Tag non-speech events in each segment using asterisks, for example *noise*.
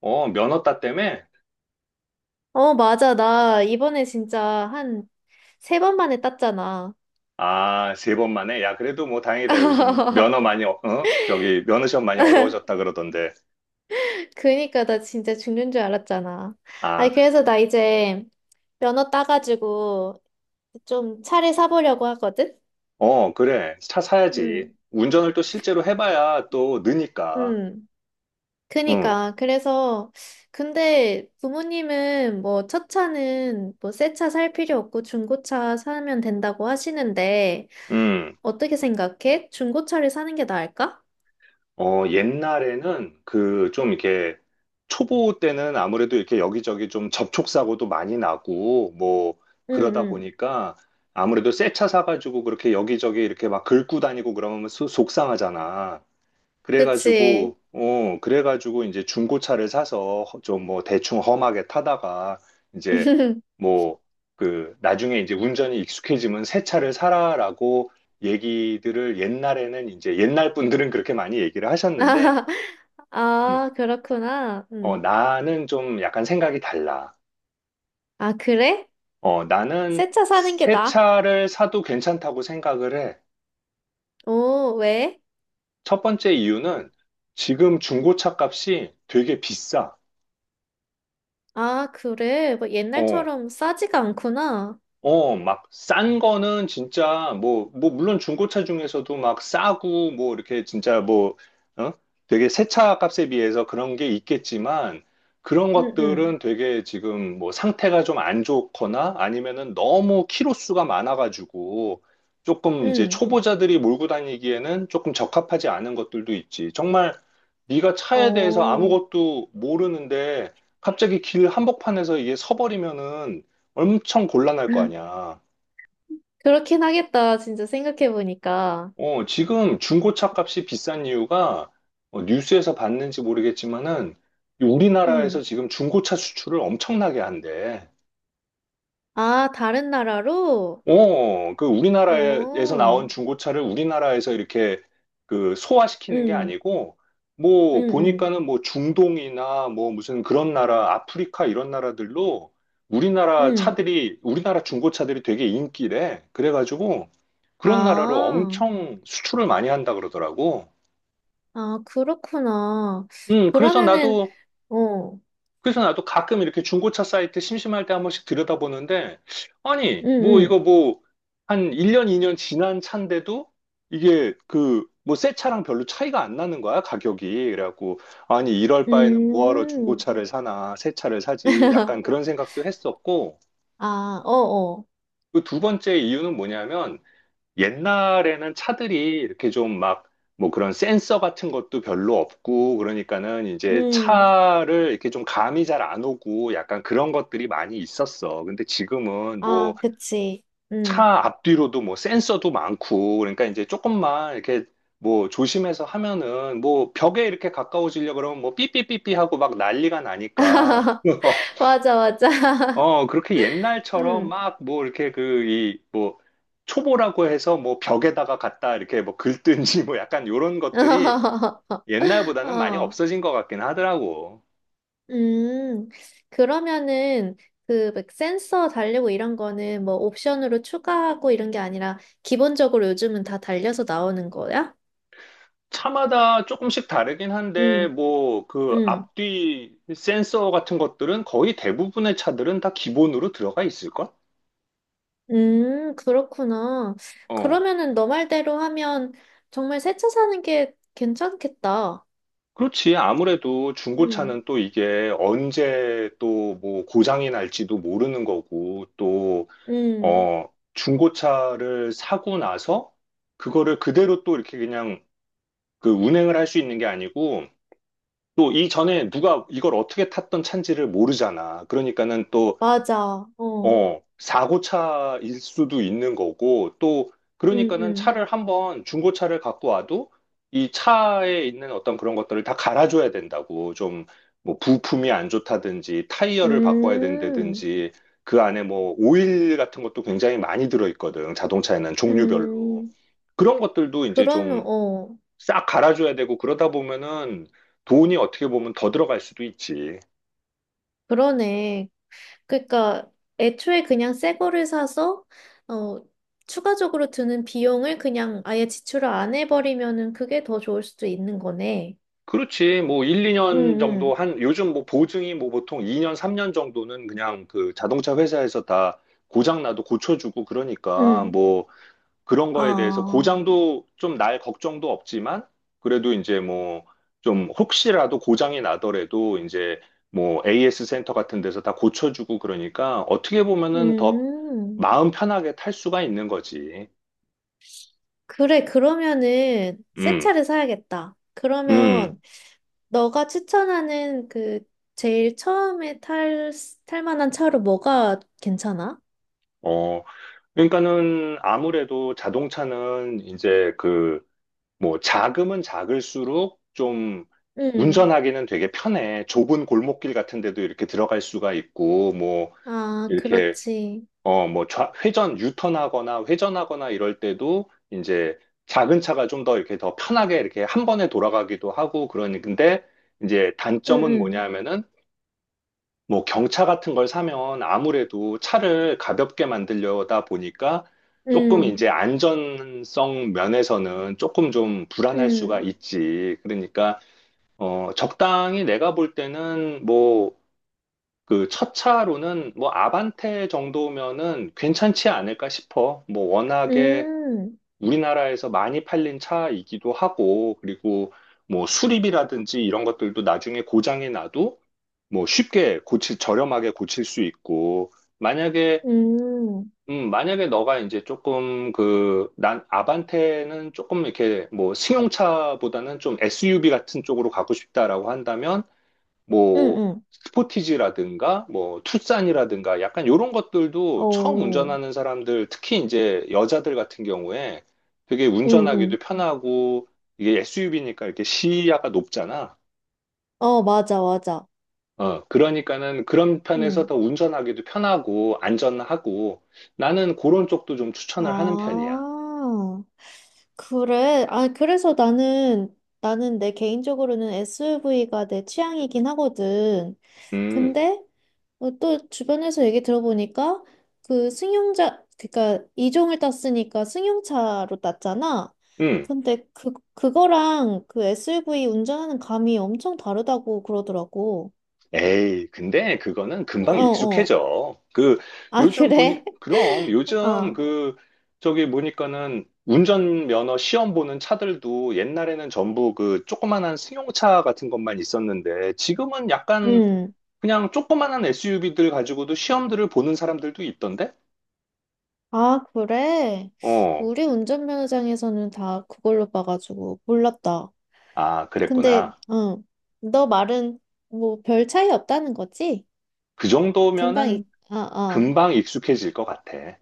어, 면허 땄 때문에? 어, 맞아. 나 이번에 진짜 한 3번 만에 땄잖아. 아, 세 번 만에? 야, 그래도 뭐 다행이다. 요즘 *laughs* 면허 많이, 어, 어? 저기, 면허 시험 많이 어려워졌다 그러던데. 그니까 나 진짜 죽는 줄 알았잖아. 아니, 아, 그래서 나 이제 면허 따가지고 좀 차를 사보려고 하거든? 어, 그래. 차 사야지. 음, 운전을 또 실제로 해봐야 또 느니까. 음. 응, 그니까. 그래서, 근데 부모님은 뭐 첫 차는 뭐 새 차 살 필요 없고 중고차 사면 된다고 하시는데, 응. 어떻게 생각해? 중고차를 사는 게 나을까? 어, 옛날에는 그 좀 이렇게 초보 때는 아무래도 이렇게 여기저기 좀 접촉사고도 많이 나고 뭐 응, 그러다 응. 보니까 아무래도 새 차 사가지고 그렇게 여기저기 이렇게 막 긁고 다니고 그러면 수- 속상하잖아. 그치. 그래가지고, 어, 그래가지고 이제 중고차를 사서 좀 뭐 대충 험하게 타다가 이제 *laughs* 뭐 그 나중에 이제 운전이 익숙해지면 새 차를 사라라고 얘기들을 옛날에는 이제 옛날 분들은 그렇게 많이 얘기를 하셨는데, *laughs* 음, 아, 그렇구나. 어, 음. 나는 좀 약간 생각이 달라. 아, 그래? 어, 나는 새 차 사는 게 새 나아? 차를 사도 괜찮다고 생각을 해. 오, 왜? 첫 번째 이유는 지금 중고차 값이 되게 비싸. 아, 그래. 뭐 어, 옛날처럼 싸지가 않구나. 어, 막, 싼 거는 진짜, 뭐, 뭐, 물론 중고차 중에서도 막 싸고, 뭐, 이렇게 진짜 뭐, 어? 되게 새 차 값에 비해서 그런 게 있겠지만, 그런 응, 응, 것들은 되게 지금 뭐 상태가 좀 안 좋거나 아니면은 너무 키로수가 많아가지고, 조금 이제 응. 초보자들이 몰고 다니기에는 조금 적합하지 않은 것들도 있지. 정말 네가 차에 대해서 어. 아무것도 모르는데, 갑자기 길 한복판에서 이게 서버리면은 엄청 곤란할 거 *laughs* 아니야. 그렇긴 하겠다. 진짜 생각해보니까. 어, 지금 중고차 값이 비싼 이유가 어, 뉴스에서 봤는지 모르겠지만은 이 응. 우리나라에서 지금 중고차 수출을 엄청나게 한대. 아, 다른 나라로? 어, 그 우리나라에서 나온 오. 중고차를 우리나라에서 이렇게 그 소화시키는 게 응, 아니고, 응, 뭐, 응, 보니까는 뭐 중동이나 뭐 무슨 그런 나라, 아프리카 이런 나라들로 우리나라 응. 차들이, 우리나라 중고차들이 되게 인기래. 그래가지고 그런 나라로 아, 엄청 수출을 많이 한다 그러더라고. 아, 그렇구나. 음, 그래서 그러면은, 나도 어, 그래서 나도 가끔 이렇게 중고차 사이트 심심할 때 한 번씩 들여다보는데, 아니, 뭐 응, 이거 뭐 한 1년, 2년 지난 차인데도 이게 그 뭐 새 차랑 별로 차이가 안 나는 거야, 가격이. 그래갖고, 아니, 이럴 응, 바에는 뭐하러 음. 중고차를 사나, 새 차를 사지. 약간 *laughs* 그런 생각도 했었고, 아, 어어. 그 두 번째 이유는 뭐냐면, 옛날에는 차들이 이렇게 좀 막 뭐 그런 센서 같은 것도 별로 없고 그러니까는 이제 음. 차를 이렇게 좀 감이 잘 안 오고 약간 그런 것들이 많이 있었어. 근데 지금은 뭐 아, 그치. 음. 차 앞뒤로도 뭐 센서도 많고 그러니까 이제 조금만 이렇게 뭐 조심해서 하면은 뭐 벽에 이렇게 가까워지려고 그러면 뭐 삐삐삐삐 하고 막 난리가 나니까 *laughs* *laughs* 맞아, 맞아. *laughs* 어, 그렇게 옛날처럼 음. 막 뭐 이렇게 그, 이, 뭐, 초보라고 해서 뭐 벽에다가 갖다 이렇게 뭐 긁든지 뭐 약간 요런 것들이 *laughs* 옛날보다는 많이 어. 없어진 것 같긴 하더라고. 음. 그러면은 그 막 센서 달리고 이런 거는 뭐 옵션으로 추가하고 이런 게 아니라 기본적으로 요즘은 다 달려서 나오는 거야? 차마다 조금씩 다르긴 한데 음. 뭐 그 음. 앞뒤 센서 같은 것들은 거의 대부분의 차들은 다 기본으로 들어가 있을걸? 그렇구나. 어. 그러면은 너 말대로 하면 정말 새 차 사는 게 괜찮겠다. 그렇지. 아무래도 음. 중고차는 또 이게 언제 또 뭐 고장이 날지도 모르는 거고 또 음. 어, 중고차를 사고 나서 그거를 그대로 또 이렇게 그냥 그 운행을 할 수 있는 게 아니고 또 이전에 누가 이걸 어떻게 탔던 차인지를 모르잖아. 그러니까는 또 맞아. 어. 어, 사고차일 수도 있는 거고, 또, 응응, 그러니까는 차를 한번, 중고차를 갖고 와도 이 차에 있는 어떤 그런 것들을 다 갈아줘야 된다고. 좀, 뭐, 부품이 안 좋다든지, 타이어를 바꿔야 음. 된다든지, 그 안에 뭐, 오일 같은 것도 굉장히 많이 들어있거든. 자동차에는 종류별로. 음. 그런 것들도 이제 그러면 좀 어. 싹 갈아줘야 되고, 그러다 보면은 돈이 어떻게 보면 더 들어갈 수도 있지. 그러네. 그러니까 애초에 그냥 새 거를 사서 어 추가적으로 드는 비용을 그냥 아예 지출을 안 해버리면은 그게 더 좋을 수도 있는 거네. 그렇지. 뭐 1, 2년 응응, 정도 한 요즘 뭐 보증이 뭐 보통 2년, 3년 정도는 그냥 그 자동차 회사에서 다 고장 나도 고쳐주고 응. 그러니까 응. 뭐 그런 거에 대해서 아. 고장도 좀 날 걱정도 없지만 그래도 이제 뭐 좀 혹시라도 고장이 나더라도 이제 뭐 AS 센터 같은 데서 다 고쳐주고 그러니까 어떻게 보면은 더 음. 마음 편하게 탈 수가 있는 거지. 그래. 그러면은 새 음, 차를 사야겠다. 음, 그러면 너가 추천하는 그 제일 처음에 탈, 탈 만한 차로 뭐가 괜찮아? 어. 그러니까는 아무래도 자동차는 이제 그 뭐 자금은 작을수록 좀 응. 운전하기는 되게 편해. 좁은 골목길 같은 데도 이렇게 들어갈 수가 있고 뭐 아, 이렇게 그렇지. 어 뭐 회전 유턴하거나 회전하거나 이럴 때도 이제 작은 차가 좀 더 이렇게 더 편하게 이렇게 한 번에 돌아가기도 하고 그러니 근데 이제 응, 단점은 응, 뭐냐면은 뭐 경차 같은 걸 사면 아무래도 차를 가볍게 만들려다 보니까 조금 응, 이제 안전성 면에서는 조금 좀 불안할 수가 응, 있지. 그러니까 어 적당히 내가 볼 때는 뭐 그 첫 차로는 뭐 아반떼 정도면은 괜찮지 않을까 싶어. 뭐 워낙에 응, 우리나라에서 많이 팔린 차이기도 하고, 그리고 뭐 수리비라든지 이런 것들도 나중에 고장이 나도 뭐 쉽게 고칠, 저렴하게 고칠 수 있고, 만약에, 응, 만약에 너가 이제 조금 그, 난 아반떼는 조금 이렇게 뭐 승용차보다는 좀 SUV 같은 쪽으로 가고 싶다라고 한다면, 응, 뭐 응. 스포티지라든가 뭐 투싼이라든가 약간 요런 것들도 처음 오, 운전하는 사람들 특히 이제 여자들 같은 경우에 되게 응, 운전하기도 응. 편하고 이게 SUV니까 이렇게 시야가 높잖아. 어, 맞아, 맞아. 어, 그러니까는 그런 편에서 응. 더 운전하기도 편하고 안전하고 나는 그런 쪽도 좀 추천을 하는 편이야. 아, 그래. 아, 그래서 나는, 나는 내 개인적으로는 SUV가 내 취향이긴 하거든. 음, 근데 어, 또 주변에서 얘기 들어보니까 그러니까 이종을 땄으니까 승용차로 땄잖아. 음. 근데 그 그거랑 그 SUV 운전하는 감이 엄청 다르다고 그러더라고. 에이, 근데 그거는 어, 금방 어. 익숙해져. 그, 아, 요즘 보니, 그래? 그럼 *laughs* 요즘 아 그, 저기 보니까는 운전면허 시험 보는 차들도 옛날에는 전부 그 조그만한 승용차 같은 것만 있었는데 지금은 약간 음. 그냥 조그만한 SUV들 가지고도 시험들을 보는 사람들도 있던데? 아, 그래? 어, 우리 운전면허장에서는 다 그걸로 봐가지고 몰랐다. 아, 근데 그랬구나. 응. 너 말은 뭐 별 차이 없다는 거지? 그 금방 정도면은 이- 아 아. 금방 익숙해질 것 같아.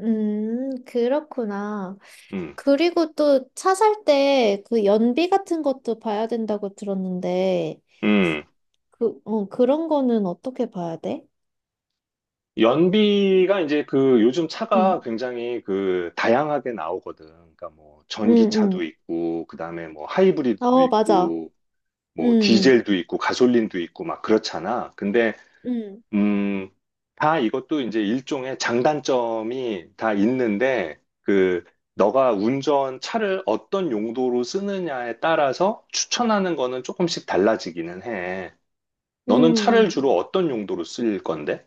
그렇구나. 음, 그리고 또 차 살 때 그 연비 같은 것도 봐야 된다고 들었는데, 음. 그, 어, 그런 거는 어떻게 봐야 돼? 연비가 이제 그 요즘 차가 응, 굉장히 그 다양하게 나오거든. 그러니까 뭐 응, 전기차도 응. 있고, 그 다음에 뭐 하이브리드도 어, 맞아. 있고, 응, 뭐 응, 디젤도 있고, 가솔린도 있고 막 그렇잖아. 근데, 응, 음, 다 이것도 이제 일종의 장단점이 다 있는데, 그, 너가 운전 차를 어떤 용도로 쓰느냐에 따라서 추천하는 거는 조금씩 달라지기는 해. 응, 너는 차를 응. 주로 어떤 용도로 쓸 건데?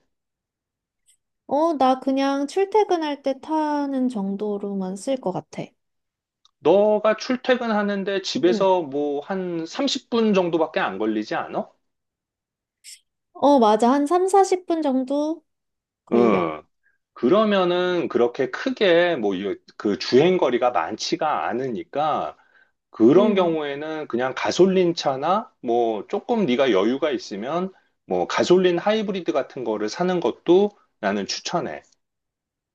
어, 나 그냥 출퇴근할 때 타는 정도로만 쓸 것 같아. 너가 출퇴근하는데 응. 집에서 뭐 한 30분 정도밖에 안 걸리지 않아? 어, 맞아. 한 3, 40분 정도 걸려. 응. 그러면은 그렇게 크게 뭐 그 주행 거리가 많지가 않으니까 그런 응, 경우에는 그냥 가솔린 차나 뭐 조금 네가 여유가 있으면 뭐 가솔린 하이브리드 같은 거를 사는 것도 나는 추천해.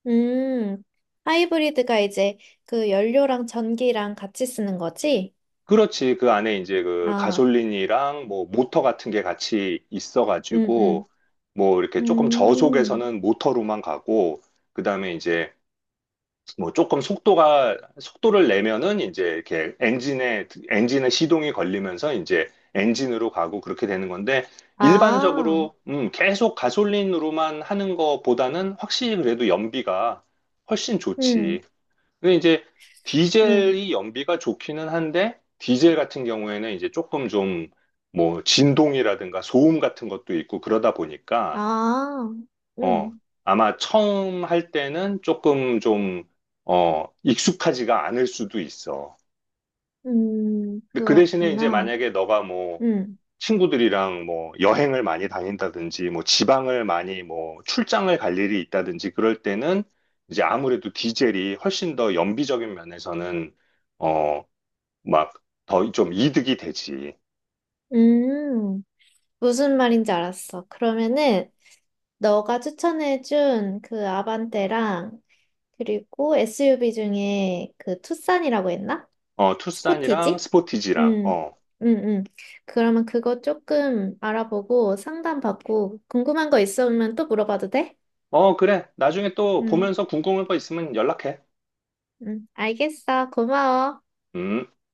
음. 하이브리드가 이제 그 연료랑 전기랑 같이 쓰는 거지? 그렇지. 그 안에 이제 그 아, 가솔린이랑 뭐 모터 같은 게 같이 응, 응, 있어가지고 뭐 이렇게 조금 음, 저속에서는 모터로만 가고 그다음에 이제 뭐 조금 속도가 속도를 내면은 이제 이렇게 엔진에 시동이 걸리면서 이제 엔진으로 가고 그렇게 되는 건데 아, 일반적으로 계속 가솔린으로만 하는 것보다는 확실히 그래도 연비가 훨씬 좋지. 응, 근데 이제 응, 디젤이 연비가 좋기는 한데 디젤 같은 경우에는 이제 조금 좀 뭐 진동이라든가 소음 같은 것도 있고 그러다 보니까 아, 어 응, 아마 처음 할 때는 조금 좀 어 익숙하지가 않을 수도 있어. 근데 그 대신에 이제 그렇구나. 만약에 너가 뭐 응, 친구들이랑 뭐 여행을 많이 다닌다든지 뭐 지방을 많이 뭐 출장을 갈 일이 있다든지 그럴 때는 이제 아무래도 디젤이 훨씬 더 연비적인 면에서는 어, 막 더 좀 이득이 되지. 음, 무슨 말인지 알았어. 그러면은, 너가 추천해준 그 아반떼랑, 그리고 SUV 중에 그 투싼이라고 했나? 어, 투싼이랑 스포티지? 스포티지랑. 응, 어. 응, 응. 그러면 그거 조금 알아보고 상담받고, 궁금한 거 있으면 또 물어봐도 돼? 어, 그래. 나중에 또 응. 보면서 궁금한 거 있으면 연락해. 응, 알겠어. 고마워. 음.